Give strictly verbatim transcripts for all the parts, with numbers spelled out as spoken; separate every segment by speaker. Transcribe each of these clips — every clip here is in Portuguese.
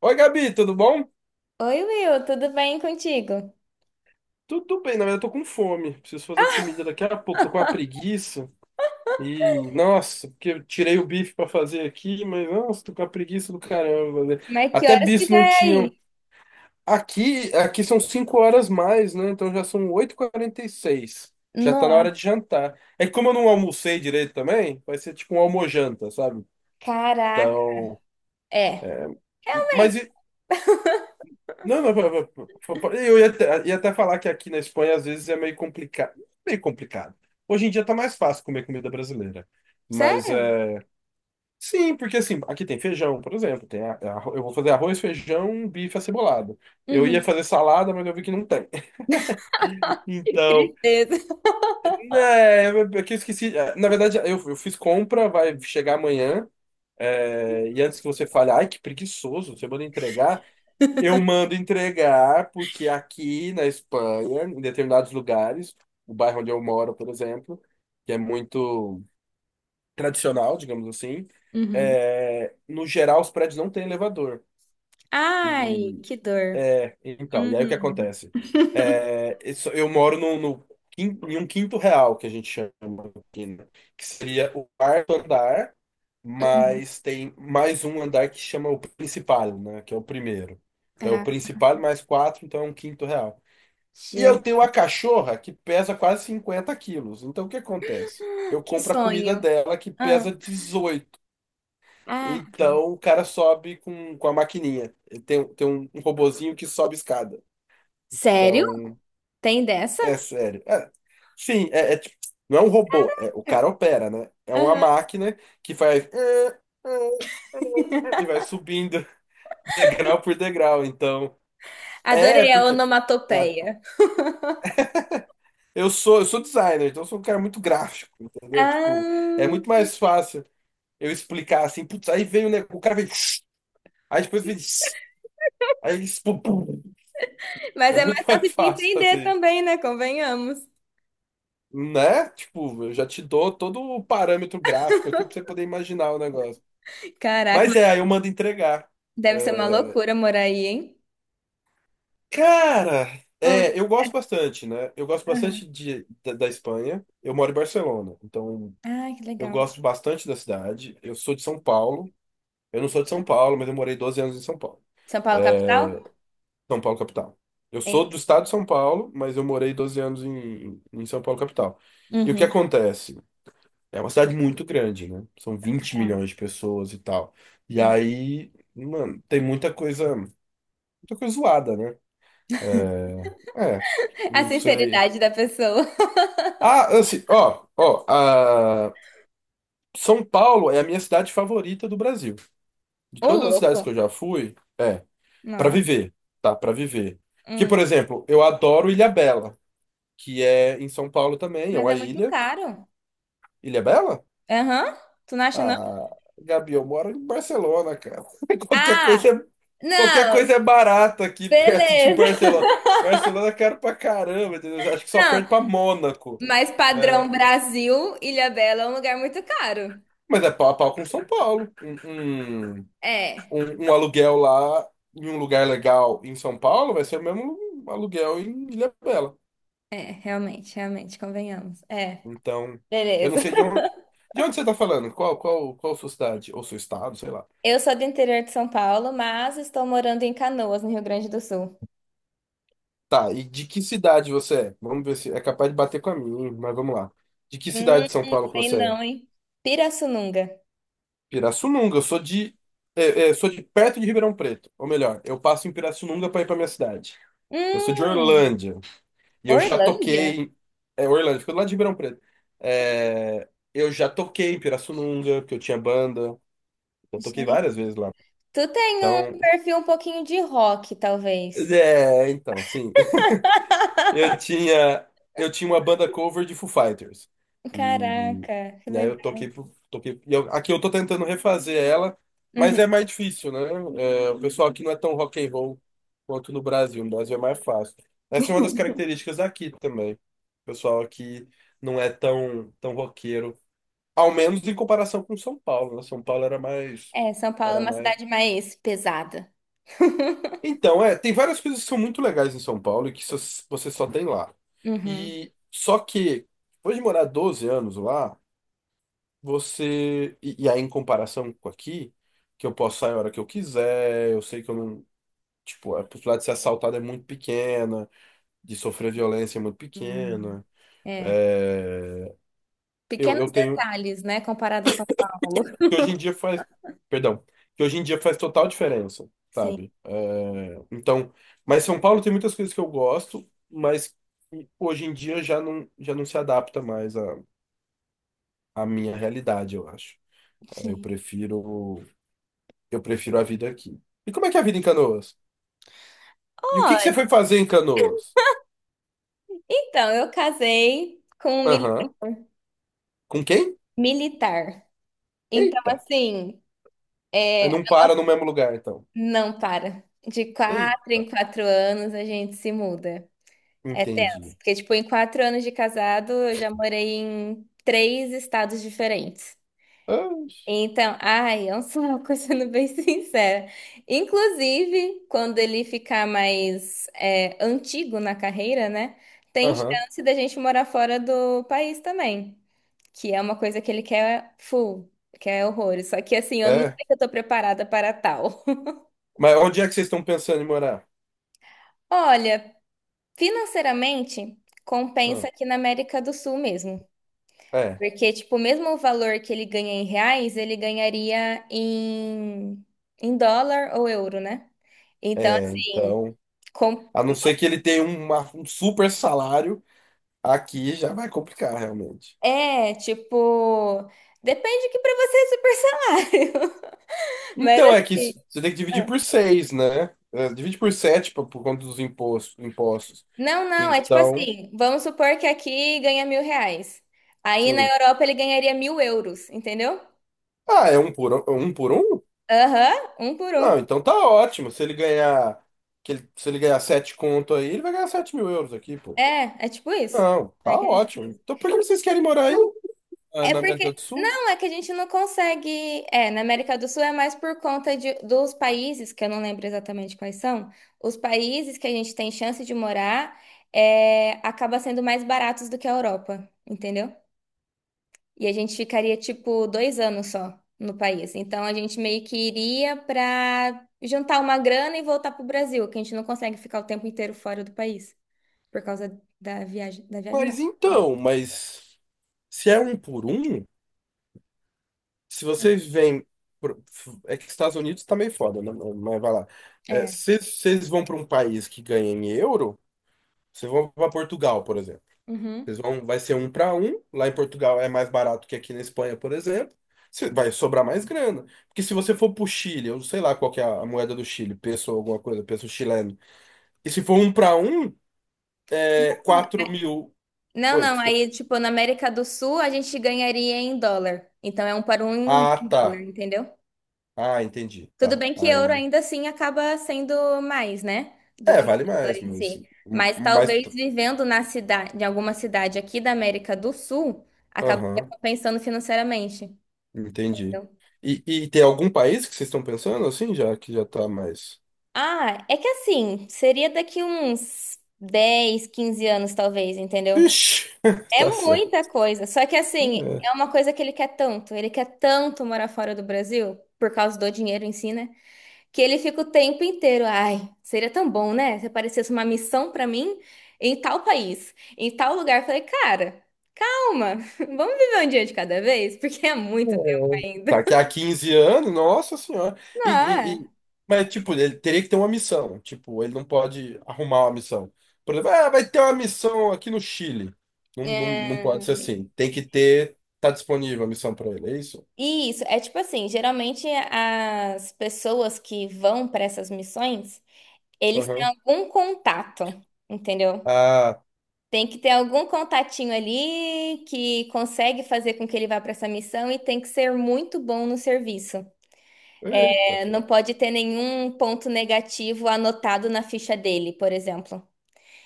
Speaker 1: Oi, Gabi, tudo bom?
Speaker 2: Oi, Will, tudo bem contigo?
Speaker 1: Tudo bem, na verdade eu tô com fome. Preciso fazer comida daqui a pouco, tô com uma preguiça. E, nossa, porque eu tirei o bife pra fazer aqui, mas, nossa, tô com a preguiça do caramba, né?
Speaker 2: Mas que
Speaker 1: Até
Speaker 2: horas que
Speaker 1: bife
Speaker 2: já
Speaker 1: não
Speaker 2: é
Speaker 1: tinham.
Speaker 2: aí?
Speaker 1: Aqui, aqui são cinco horas mais, né? Então já são oito e seis. Já tá na
Speaker 2: Nossa,
Speaker 1: hora de jantar. É que como eu não almocei direito também, vai ser tipo um almojanta, sabe?
Speaker 2: caraca.
Speaker 1: Então.
Speaker 2: É,
Speaker 1: Mas
Speaker 2: realmente.
Speaker 1: e, não, não, pa- pa- pa- eu ia até, ia até falar que aqui na Espanha às vezes é meio complicado. Meio complicado. Hoje em dia tá mais fácil comer comida brasileira. Mas
Speaker 2: Sério?
Speaker 1: é. Sim, porque assim, aqui tem feijão, por exemplo. Tem a- a- eu vou fazer arroz, feijão, bife acebolado. Eu ia
Speaker 2: Uhum.
Speaker 1: fazer salada, mas eu vi que não tem.
Speaker 2: Que
Speaker 1: Então,
Speaker 2: tristeza.
Speaker 1: né, eu- é que esqueci. é, Na verdade, eu, eu fiz compra, vai chegar amanhã. é, e antes que você fale, ai, que preguiçoso, você manda entregar. Eu mando entregar, porque aqui na Espanha, em determinados lugares, o bairro onde eu moro, por exemplo, que é muito tradicional, digamos assim,
Speaker 2: Uhum.
Speaker 1: é, no geral os prédios não têm elevador.
Speaker 2: Ai,
Speaker 1: E
Speaker 2: que dor.
Speaker 1: então, e aí o que
Speaker 2: Uhum.
Speaker 1: acontece? É, isso- eu moro no, no quin- em um quinto real, que a gente chama aqui, né? Que seria o quarto andar,
Speaker 2: Uhum.
Speaker 1: mas tem mais um andar que chama o principal, né? Que é o primeiro. Então é o
Speaker 2: Ah,
Speaker 1: principal mais quatro, então é um quinto real. E eu
Speaker 2: Jesus.
Speaker 1: tenho uma cachorra que pesa quase cinquenta quilos. Então o que acontece? Eu
Speaker 2: Que
Speaker 1: compro a comida
Speaker 2: sonho.
Speaker 1: dela que
Speaker 2: Ah,
Speaker 1: pesa dezoito.
Speaker 2: ah.
Speaker 1: Então o cara sobe com, com a maquininha. Ele Tem, tem um, um robozinho que sobe escada.
Speaker 2: Sério?
Speaker 1: Então,
Speaker 2: Tem dessa?
Speaker 1: é sério. É, sim, é, é tipo, não é um robô, é, o cara opera, né? É uma
Speaker 2: Aham.
Speaker 1: máquina que faz "Ah, ah", e vai subindo degrau por degrau. Então, é
Speaker 2: Adorei a
Speaker 1: porque é,
Speaker 2: onomatopeia.
Speaker 1: Eu sou, eu sou designer, então eu sou um cara muito gráfico, entendeu? Tipo, é
Speaker 2: Ah,
Speaker 1: muito mais fácil eu explicar assim, putz, aí veio, né? O cara veio, aí depois veio, aí eles, pum, pum.
Speaker 2: mas
Speaker 1: É
Speaker 2: é mais
Speaker 1: muito mais
Speaker 2: fácil de
Speaker 1: fácil
Speaker 2: entender
Speaker 1: fazer isso,
Speaker 2: também, né? Convenhamos.
Speaker 1: né? Tipo, eu já te dou todo o parâmetro gráfico aqui pra você poder imaginar o negócio.
Speaker 2: Caraca,
Speaker 1: Mas
Speaker 2: mas
Speaker 1: é, aí eu mando entregar.
Speaker 2: deve ser uma
Speaker 1: É,
Speaker 2: loucura morar aí, hein?
Speaker 1: cara,
Speaker 2: Oh,
Speaker 1: é, eu gosto bastante, né? Eu gosto
Speaker 2: aham.
Speaker 1: bastante de, da, da Espanha. Eu moro em Barcelona, então
Speaker 2: Ah, que
Speaker 1: eu
Speaker 2: legal.
Speaker 1: gosto bastante da cidade. Eu sou de São Paulo. Eu não sou de São Paulo, mas eu morei doze anos em São Paulo.
Speaker 2: São Paulo,
Speaker 1: É,
Speaker 2: capital?
Speaker 1: São Paulo, capital. Eu sou
Speaker 2: É.
Speaker 1: do estado de São Paulo, mas eu morei doze anos em, em São Paulo, capital. E o que
Speaker 2: Uhum.
Speaker 1: acontece? É uma cidade muito grande, né? São vinte
Speaker 2: Caraca.
Speaker 1: milhões de pessoas e tal. E
Speaker 2: Hum.
Speaker 1: aí, mano, tem muita coisa, muita coisa zoada, né? É, é,
Speaker 2: A
Speaker 1: não sei.
Speaker 2: sinceridade da pessoa.
Speaker 1: Ah, assim, ó, ó, a- São Paulo é a minha cidade favorita do Brasil. De
Speaker 2: Ô,
Speaker 1: todas as cidades
Speaker 2: louco.
Speaker 1: que eu já fui, é. Para
Speaker 2: Não.
Speaker 1: viver, tá? Para viver. Que, por
Speaker 2: Hum.
Speaker 1: exemplo, eu adoro Ilhabela, que é em São Paulo também, é
Speaker 2: Mas é
Speaker 1: uma
Speaker 2: muito
Speaker 1: ilha.
Speaker 2: caro.
Speaker 1: Ilhabela?
Speaker 2: Aham. Tu não acha, não?
Speaker 1: Ah, Gabi, eu moro em Barcelona, cara. Qualquer
Speaker 2: Ah,
Speaker 1: coisa é, qualquer
Speaker 2: não.
Speaker 1: coisa é barata aqui perto de
Speaker 2: Beleza.
Speaker 1: Barcelona. Barcelona é caro pra caramba, entendeu? Acho que só
Speaker 2: Não,
Speaker 1: perto pra Mônaco.
Speaker 2: mas padrão
Speaker 1: É,
Speaker 2: Brasil, Ilhabela é um lugar muito caro.
Speaker 1: mas é pau a pau com São Paulo. Um, um,
Speaker 2: É.
Speaker 1: um- um aluguel lá em um lugar legal em São Paulo vai ser o mesmo aluguel em Ilhabela.
Speaker 2: É, realmente, realmente, convenhamos. É,
Speaker 1: Então, eu não
Speaker 2: beleza.
Speaker 1: sei de onde, de onde você está falando, qual, qual, qual sua cidade, ou seu estado, sei lá.
Speaker 2: Eu sou do interior de São Paulo, mas estou morando em Canoas, no Rio Grande do Sul.
Speaker 1: Tá, e de que cidade você é? Vamos ver se é capaz de bater com a minha, mas vamos lá. De que
Speaker 2: Hum,
Speaker 1: cidade de São Paulo que
Speaker 2: sei
Speaker 1: você
Speaker 2: não,
Speaker 1: é?
Speaker 2: hein? Pirassununga.
Speaker 1: Pirassununga, eu sou de, é, é, sou de perto de Ribeirão Preto, ou melhor, eu passo em Pirassununga para ir para minha cidade. Eu sou de
Speaker 2: Hum,
Speaker 1: Orlândia, e eu já toquei,
Speaker 2: Orlândia?
Speaker 1: em- é, Orlândia fica do lado de Ribeirão Preto. É, eu já toquei em Pirassununga, porque eu tinha banda, eu toquei
Speaker 2: Gente,
Speaker 1: várias vezes lá.
Speaker 2: Tu tem um
Speaker 1: Então,
Speaker 2: perfil um pouquinho de rock, talvez.
Speaker 1: é, então, sim. Eu tinha, eu tinha uma banda cover de Foo Fighters. E,
Speaker 2: Caraca, que
Speaker 1: e aí eu
Speaker 2: legal.
Speaker 1: toquei, pro- toquei e eu- aqui eu tô tentando refazer ela, mas é
Speaker 2: Uhum.
Speaker 1: mais difícil, né? É, o pessoal aqui não é tão rock and roll quanto no Brasil. No Brasil é mais fácil. Essa é uma das características aqui também. O pessoal aqui não é tão, tão roqueiro, ao menos em comparação com São Paulo, né? São Paulo era mais,
Speaker 2: É, São Paulo é
Speaker 1: era
Speaker 2: uma
Speaker 1: mais
Speaker 2: cidade mais pesada.
Speaker 1: então, é, tem várias coisas que são muito legais em São Paulo e que só- você só tem lá.
Speaker 2: Uhum.
Speaker 1: E só que, depois de morar doze anos lá, você. E, e aí, em comparação com aqui, que eu posso sair a hora que eu quiser, eu sei que eu não. Tipo, a possibilidade de ser assaltado é muito pequena, de sofrer violência é muito
Speaker 2: Hum.
Speaker 1: pequena.
Speaker 2: É.
Speaker 1: É, eu,
Speaker 2: Pequenos
Speaker 1: eu tenho.
Speaker 2: detalhes, né, comparado a São Paulo.
Speaker 1: que hoje em dia faz, perdão, que hoje em dia faz total diferença,
Speaker 2: Sim,
Speaker 1: sabe? É, então, mas São Paulo tem muitas coisas que eu gosto, mas que hoje em dia já não, já não se adapta mais à, à minha realidade, eu acho. Eu
Speaker 2: sim.
Speaker 1: prefiro, eu prefiro a vida aqui. E como é que é a vida em Canoas? E o que que
Speaker 2: Olha,
Speaker 1: você foi fazer em Canoas?
Speaker 2: então, eu casei com um mili-
Speaker 1: Aham. Com quem?
Speaker 2: militar. Então,
Speaker 1: Eita.
Speaker 2: assim, é,
Speaker 1: Não para no mesmo lugar, então.
Speaker 2: não para. De quatro em
Speaker 1: Eita.
Speaker 2: quatro anos a gente se muda. É tenso.
Speaker 1: Entendi.
Speaker 2: Porque, tipo, em quatro anos de casado, eu já morei em três estados diferentes.
Speaker 1: Ah,
Speaker 2: Então, ai, é um saco, sendo bem sincera. Inclusive, quando ele ficar mais é, antigo na carreira, né? Tem
Speaker 1: aham.
Speaker 2: chance da gente morar fora do país também. Que é uma coisa que ele quer full, quer horrores. Só que assim, eu não sei
Speaker 1: É.
Speaker 2: que eu tô preparada para tal.
Speaker 1: Mas onde é que vocês estão pensando em morar?
Speaker 2: Olha, financeiramente,
Speaker 1: Ah,
Speaker 2: compensa aqui na América do Sul mesmo.
Speaker 1: é.
Speaker 2: Porque, tipo, mesmo o valor que ele ganha em reais, ele ganharia em, em dólar ou euro, né? Então,
Speaker 1: É,
Speaker 2: assim,
Speaker 1: então,
Speaker 2: com-
Speaker 1: a não ser que ele tenha um, uma- um super salário, aqui já vai complicar, realmente.
Speaker 2: é, tipo, depende que para você é super salário. Mas
Speaker 1: Então, é que
Speaker 2: assim.
Speaker 1: s- você tem que dividir
Speaker 2: ah,
Speaker 1: por seis, né? É, divide por sete por, por conta dos impostos, impostos.
Speaker 2: Não, não, é tipo
Speaker 1: Então,
Speaker 2: assim, vamos supor que aqui ganha mil reais. Aí na
Speaker 1: sim.
Speaker 2: Europa ele ganharia mil euros, entendeu?
Speaker 1: Ah, é um por um? É um por um?
Speaker 2: Aham, um por um.
Speaker 1: Ah, então tá ótimo. Se ele ganhar, que ele- se ele ganhar sete conto aí, ele vai ganhar sete mil euros aqui, pô.
Speaker 2: É, é tipo isso.
Speaker 1: Não, tá
Speaker 2: É que é tipo
Speaker 1: ótimo.
Speaker 2: isso.
Speaker 1: Então, por que vocês querem morar aí, ah,
Speaker 2: É
Speaker 1: na
Speaker 2: porque.
Speaker 1: América do Sul?
Speaker 2: Não, é que a gente não consegue. É, na América do Sul é mais por conta de, dos países, que eu não lembro exatamente quais são, os países que a gente tem chance de morar é, acaba sendo mais baratos do que a Europa, entendeu? E a gente ficaria, tipo, dois anos só no país. Então a gente meio que iria para juntar uma grana e voltar pro Brasil, que a gente não consegue ficar o tempo inteiro fora do país, por causa da viagem. Da viagem, não. do
Speaker 1: Mas
Speaker 2: Trabalho.
Speaker 1: então, mas se é um por um. Se vocês vêm. Pro- É que Estados Unidos tá meio foda, né? Mas vai lá. É,
Speaker 2: É.
Speaker 1: se vocês vão para um país que ganha em euro, vocês vão para Portugal, por exemplo.
Speaker 2: Uhum.
Speaker 1: Vocês vão, vai ser um para um. Lá em Portugal é mais barato que aqui na Espanha, por exemplo. Cê- vai sobrar mais grana. Porque se você for pro Chile, eu sei lá qual que é a moeda do Chile, peso ou alguma coisa, peso chileno. E se for um para um, é quatro mil.
Speaker 2: Não,
Speaker 1: Oi,
Speaker 2: não.
Speaker 1: desculpa.
Speaker 2: Aí, tipo, na América do Sul a gente ganharia em dólar. Então é um para um em
Speaker 1: Ah,
Speaker 2: dólar,
Speaker 1: tá.
Speaker 2: entendeu?
Speaker 1: Ah, entendi.
Speaker 2: Tudo
Speaker 1: Tá.
Speaker 2: bem que euro
Speaker 1: Aí.
Speaker 2: ainda assim acaba sendo mais, né? Do
Speaker 1: É,
Speaker 2: que
Speaker 1: vale
Speaker 2: dólar
Speaker 1: mais,
Speaker 2: em
Speaker 1: mas.
Speaker 2: si. Mas
Speaker 1: Mas.
Speaker 2: talvez vivendo na cidade, em alguma cidade aqui da América do Sul, acabaria
Speaker 1: Aham.
Speaker 2: compensando financeiramente.
Speaker 1: Entendi.
Speaker 2: Entendeu?
Speaker 1: E, e tem algum país que vocês estão pensando assim, já que já tá mais.
Speaker 2: Ah, é que assim, seria daqui uns dez, quinze anos, talvez, entendeu?
Speaker 1: Ixi,
Speaker 2: É
Speaker 1: tá certo.
Speaker 2: muita coisa. Só que assim, é
Speaker 1: É.
Speaker 2: uma coisa que ele quer tanto. Ele quer tanto morar fora do Brasil, por causa do dinheiro em si, né? Que ele fica o tempo inteiro. Ai, seria tão bom, né? Se aparecesse uma missão pra mim em tal país, em tal lugar. Eu Falei, cara, calma, vamos viver um dia de cada vez, porque é
Speaker 1: É.
Speaker 2: muito tempo ainda.
Speaker 1: Tá aqui há quinze anos, nossa senhora. E, e-
Speaker 2: Não,
Speaker 1: e- Mas, tipo, ele teria que ter uma missão. Tipo, ele não pode arrumar uma missão. Por exemplo, ah, vai ter uma missão aqui no Chile. Não, não, não pode
Speaker 2: é.
Speaker 1: ser assim. Tem que ter. Tá disponível a missão pra ele, é isso?
Speaker 2: Isso, é tipo assim, geralmente as pessoas que vão pra essas missões, eles têm
Speaker 1: Aham.
Speaker 2: algum contato, entendeu?
Speaker 1: Ah,
Speaker 2: Tem que ter algum contatinho ali que consegue fazer com que ele vá pra essa missão e tem que ser muito bom no serviço.
Speaker 1: eita,
Speaker 2: É, Não
Speaker 1: pô.
Speaker 2: pode ter nenhum ponto negativo anotado na ficha dele, por exemplo.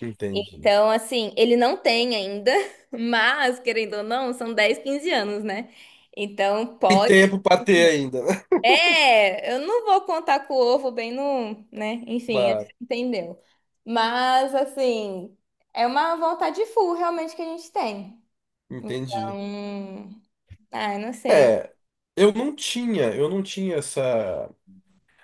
Speaker 1: Entendi.
Speaker 2: Então, assim, ele não tem ainda, mas, querendo ou não, são dez, quinze anos, né? Então,
Speaker 1: Tem
Speaker 2: pode.
Speaker 1: tempo pra ter ainda, né?
Speaker 2: É, eu não vou contar com o ovo bem no, né? Enfim, acho
Speaker 1: Claro,
Speaker 2: que entendeu. Mas, assim, é uma vontade full realmente que a gente tem.
Speaker 1: entendi.
Speaker 2: Então, ah, eu não sei.
Speaker 1: É, eu não tinha, eu não tinha essa.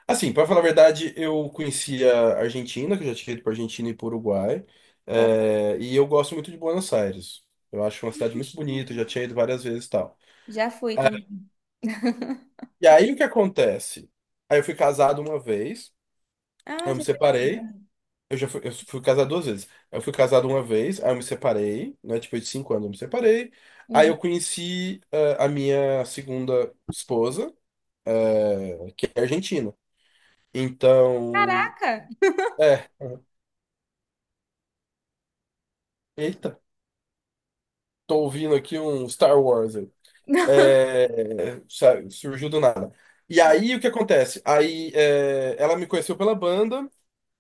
Speaker 1: Assim, para falar a verdade, eu conhecia a Argentina, que eu já tinha ido para Argentina e para Uruguai,
Speaker 2: Eu
Speaker 1: é, e eu gosto muito de Buenos Aires. Eu acho uma cidade muito bonita, eu já tinha ido várias vezes e tal.
Speaker 2: já fui também.
Speaker 1: Eh, E aí o que acontece? Aí eu fui casado uma vez, aí
Speaker 2: Ah,
Speaker 1: eu me
Speaker 2: já fui.
Speaker 1: separei. Eu já fui, eu fui casado duas vezes. Eu fui casado uma vez, aí eu me separei, né? Depois de cinco anos eu me separei. Aí
Speaker 2: Uhum.
Speaker 1: eu conheci eh, a minha segunda esposa, eh, que é argentina. Então,
Speaker 2: Caraca!
Speaker 1: é, eita, tô ouvindo aqui um Star Wars aí. É, sabe, surgiu do nada. E aí, o que acontece? Aí, é, ela me conheceu pela banda,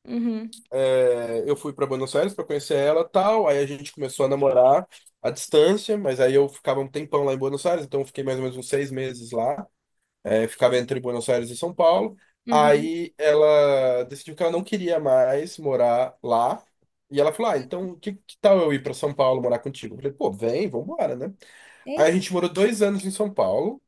Speaker 2: Uhum.
Speaker 1: é, eu fui pra Buenos Aires pra conhecer ela, tal. Aí a gente começou a namorar à distância, mas aí eu ficava um tempão lá em Buenos Aires, então eu fiquei mais ou menos uns seis meses lá. É, ficava entre Buenos Aires e São Paulo.
Speaker 2: Uhum.
Speaker 1: Aí ela decidiu que ela não queria mais morar lá. E ela falou: "Ah, então que, que tal eu ir para São Paulo morar contigo?" Eu falei: "Pô, vem, vambora, né?" Aí a
Speaker 2: Eita.
Speaker 1: gente morou dois anos em São Paulo,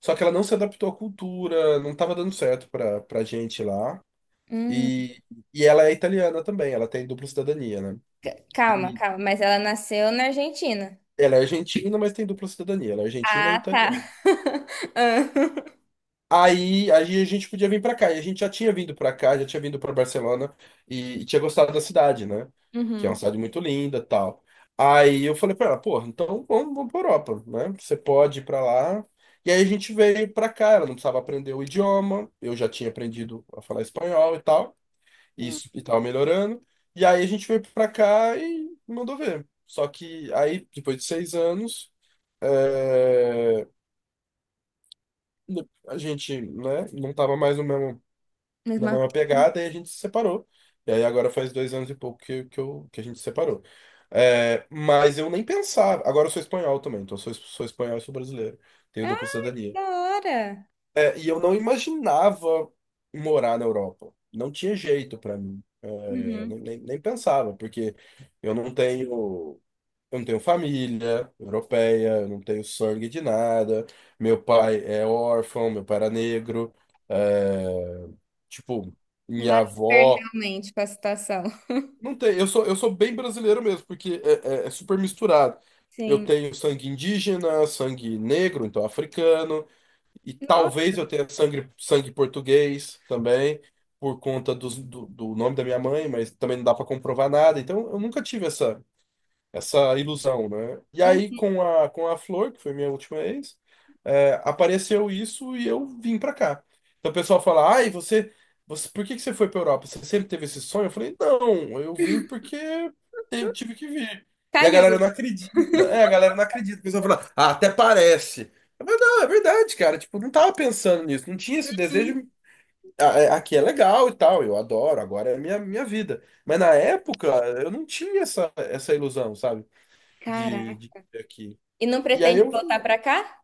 Speaker 1: só que ela não se adaptou à cultura, não tava dando certo pra, pra gente lá.
Speaker 2: Hum.
Speaker 1: E, e ela é italiana também, ela tem dupla cidadania, né?
Speaker 2: C- Calma,
Speaker 1: E
Speaker 2: calma. Mas ela nasceu na Argentina.
Speaker 1: ela é argentina, mas tem dupla cidadania, ela é argentina e
Speaker 2: Ah, tá.
Speaker 1: italiana.
Speaker 2: Ah.
Speaker 1: Aí, aí a gente podia vir pra cá. E a gente já tinha vindo pra cá, já tinha vindo pra Barcelona e, e tinha gostado da cidade, né? Que é uma
Speaker 2: Uhum.
Speaker 1: cidade muito linda, tal. Aí eu falei pra ela, porra, então vamos, vamos pra Europa, né? Você pode ir pra lá. E aí a gente veio pra cá, ela não precisava aprender o idioma, eu já tinha aprendido a falar espanhol e tal, e
Speaker 2: Hum,
Speaker 1: isso e tava melhorando. E aí a gente veio pra cá e mandou ver. Só que aí, depois de seis anos, é, a gente, né, não tava mais no mesmo na
Speaker 2: Mesma.
Speaker 1: mesma pegada, e a gente se separou. E aí agora faz dois anos e pouco que, que, eu, que a gente se separou. É, mas eu nem pensava. Agora eu sou espanhol também, então eu sou, sou espanhol e sou brasileiro. Tenho dupla
Speaker 2: Ah,
Speaker 1: cidadania.
Speaker 2: da hora.
Speaker 1: É, e eu não imaginava morar na Europa. Não tinha jeito pra mim. É,
Speaker 2: Uhum.
Speaker 1: nem, nem, nem pensava, porque eu não tenho. Eu não tenho família europeia, eu não tenho sangue de nada. Meu pai é órfão, meu pai era negro. É, tipo, minha
Speaker 2: Nada a ver
Speaker 1: avó.
Speaker 2: realmente com a situação.
Speaker 1: Não tem, eu sou, eu sou bem brasileiro mesmo, porque é, é- é super misturado. Eu
Speaker 2: Sim.
Speaker 1: tenho sangue indígena, sangue negro, então africano, e
Speaker 2: Nossa,
Speaker 1: talvez eu tenha sangue, sangue português também, por conta dos- do, do nome da minha mãe, mas também não dá para comprovar nada. Então eu nunca tive essa essa ilusão, né? E aí
Speaker 2: hum,
Speaker 1: com a com a Flor, que foi minha última ex, é, apareceu isso e eu vim pra cá. Então o pessoal fala: "Ai, você, você, por que que você foi pra Europa? Você sempre teve esse sonho?" Eu falei: "Não, eu vim porque te- tive que vir." E a galera
Speaker 2: calhou.
Speaker 1: não acredita. É, a galera não acredita. O pessoal fala: "Ah, até parece." Mas não, é verdade, cara. Tipo, não tava pensando nisso, não tinha esse
Speaker 2: Uhum.
Speaker 1: desejo. Ah, é- Aqui é legal e tal, eu adoro, agora é minha, minha vida. Mas na época eu não tinha essa, essa ilusão, sabe? de,
Speaker 2: Caraca.
Speaker 1: de aqui.
Speaker 2: E não
Speaker 1: E aí
Speaker 2: pretende
Speaker 1: eu,
Speaker 2: voltar pra cá?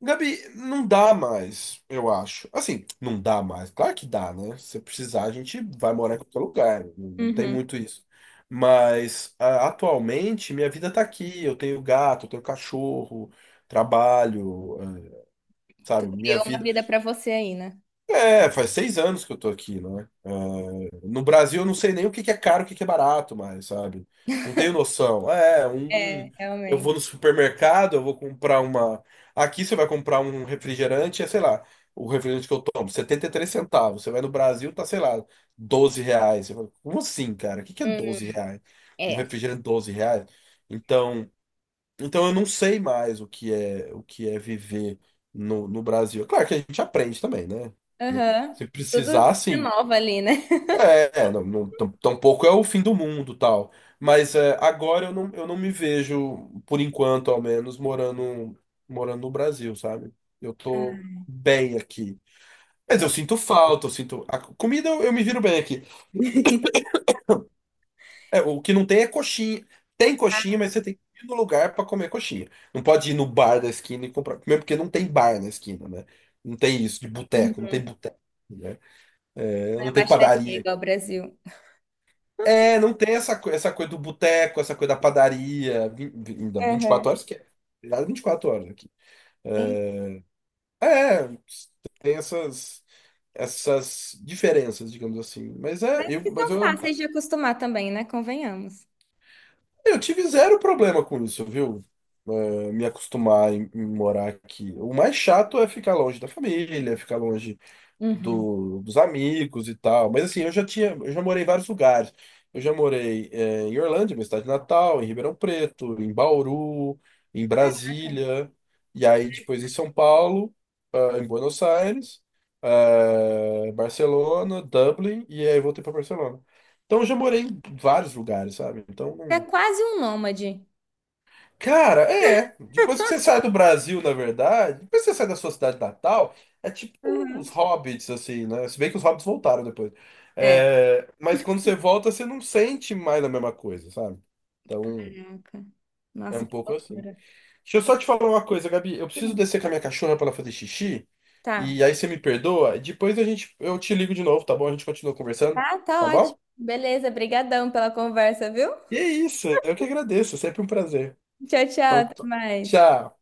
Speaker 1: Gabi, não dá mais, eu acho. Assim, não dá mais. Claro que dá, né? Se precisar, a gente vai morar em qualquer lugar. Não não tem
Speaker 2: Uhum.
Speaker 1: muito isso. Mas a- atualmente minha vida tá aqui. Eu tenho gato, eu tenho cachorro, trabalho, eh,
Speaker 2: Tu
Speaker 1: sabe? Minha
Speaker 2: criou uma
Speaker 1: vida
Speaker 2: vida pra você aí, né?
Speaker 1: é, faz seis anos que eu tô aqui, né? É, no Brasil eu não sei nem o que que é caro, o que que é barato mais, sabe? Não tenho noção. É, um, um-
Speaker 2: É,
Speaker 1: eu
Speaker 2: realmente.
Speaker 1: vou no supermercado, eu vou comprar uma. Aqui você vai comprar um refrigerante, é, sei lá, o refrigerante que eu tomo, setenta e três centavos. Você vai no Brasil, tá, sei lá, doze reais. Você fala, como assim, cara? O que que é
Speaker 2: Hum,
Speaker 1: doze reais? Um
Speaker 2: é.
Speaker 1: refrigerante doze reais? Então. Então eu não sei mais o que é o que é viver no, no Brasil. É claro que a gente aprende também, né? Né?
Speaker 2: Aham.
Speaker 1: Se
Speaker 2: Tudo se
Speaker 1: precisar, sim.
Speaker 2: renova ali, né?
Speaker 1: É, é, não, não, tam- tampouco é o fim do mundo, tal. Mas é, agora eu não, eu não me vejo, por enquanto, ao menos, morando, morando no Brasil, sabe? Eu tô
Speaker 2: Ah.
Speaker 1: bem aqui. Mas eu
Speaker 2: É.
Speaker 1: sinto falta, eu sinto. A comida eu, eu me viro bem aqui. É, o que não tem é coxinha. Tem coxinha, mas você tem que ir no lugar para comer coxinha. Não pode ir no bar da esquina e comprar. Primeiro porque não tem bar na esquina, né? Não tem isso de boteco, não tem
Speaker 2: Uhum.
Speaker 1: boteco, né? É,
Speaker 2: Não é
Speaker 1: não tem
Speaker 2: baixaria
Speaker 1: padaria.
Speaker 2: igual ao Brasil.
Speaker 1: É, não tem essa, co- essa coisa do boteco, essa coisa da padaria, vin- vin- ainda
Speaker 2: Aham.
Speaker 1: vinte e quatro horas que é. Virada vinte e quatro horas aqui.
Speaker 2: E-
Speaker 1: É, é, tem essas, essas diferenças, digamos assim. Mas é,
Speaker 2: Mas
Speaker 1: eu,
Speaker 2: que
Speaker 1: mas
Speaker 2: são
Speaker 1: eu
Speaker 2: fáceis de acostumar também, né? Convenhamos.
Speaker 1: Eu tive zero problema com isso, viu? Eh, me acostumar em, em morar aqui. O mais chato é ficar longe da família, ficar longe
Speaker 2: Uhum.
Speaker 1: do- dos amigos e tal. Mas assim, eu já tinha, eu já morei em vários lugares. Eu já morei, eh, em Orlândia, minha cidade natal, em Ribeirão Preto, em Bauru, em
Speaker 2: Cara,
Speaker 1: Brasília, e aí depois em São Paulo, ah, em Buenos Aires, eh, Barcelona, Dublin, e aí voltei para Barcelona. Então eu já morei em vários lugares, sabe? Então
Speaker 2: É quase um nômade.
Speaker 1: cara, é. Depois que você sai do Brasil, na verdade, depois que você sai da sua cidade natal, é tipo os
Speaker 2: Uhum.
Speaker 1: hobbits, assim, né? Se bem que os hobbits voltaram depois.
Speaker 2: É.
Speaker 1: É, mas quando você volta, você não sente mais a mesma coisa, sabe? Então,
Speaker 2: Caraca.
Speaker 1: é
Speaker 2: Nossa,
Speaker 1: um
Speaker 2: que
Speaker 1: pouco assim.
Speaker 2: loucura.
Speaker 1: Deixa eu só te falar uma coisa, Gabi. Eu preciso
Speaker 2: Hum,
Speaker 1: descer com a minha cachorra pra ela fazer xixi.
Speaker 2: Tá.
Speaker 1: E aí você me perdoa. E depois a gente, eu te ligo de novo, tá bom? A gente continua conversando,
Speaker 2: Tá, tá
Speaker 1: tá
Speaker 2: ótimo.
Speaker 1: bom?
Speaker 2: Beleza, brigadão pela conversa, viu?
Speaker 1: E é isso. Eu que agradeço. É sempre um prazer.
Speaker 2: Tchau, tchau,
Speaker 1: Então,
Speaker 2: até
Speaker 1: t-
Speaker 2: mais.
Speaker 1: tchau.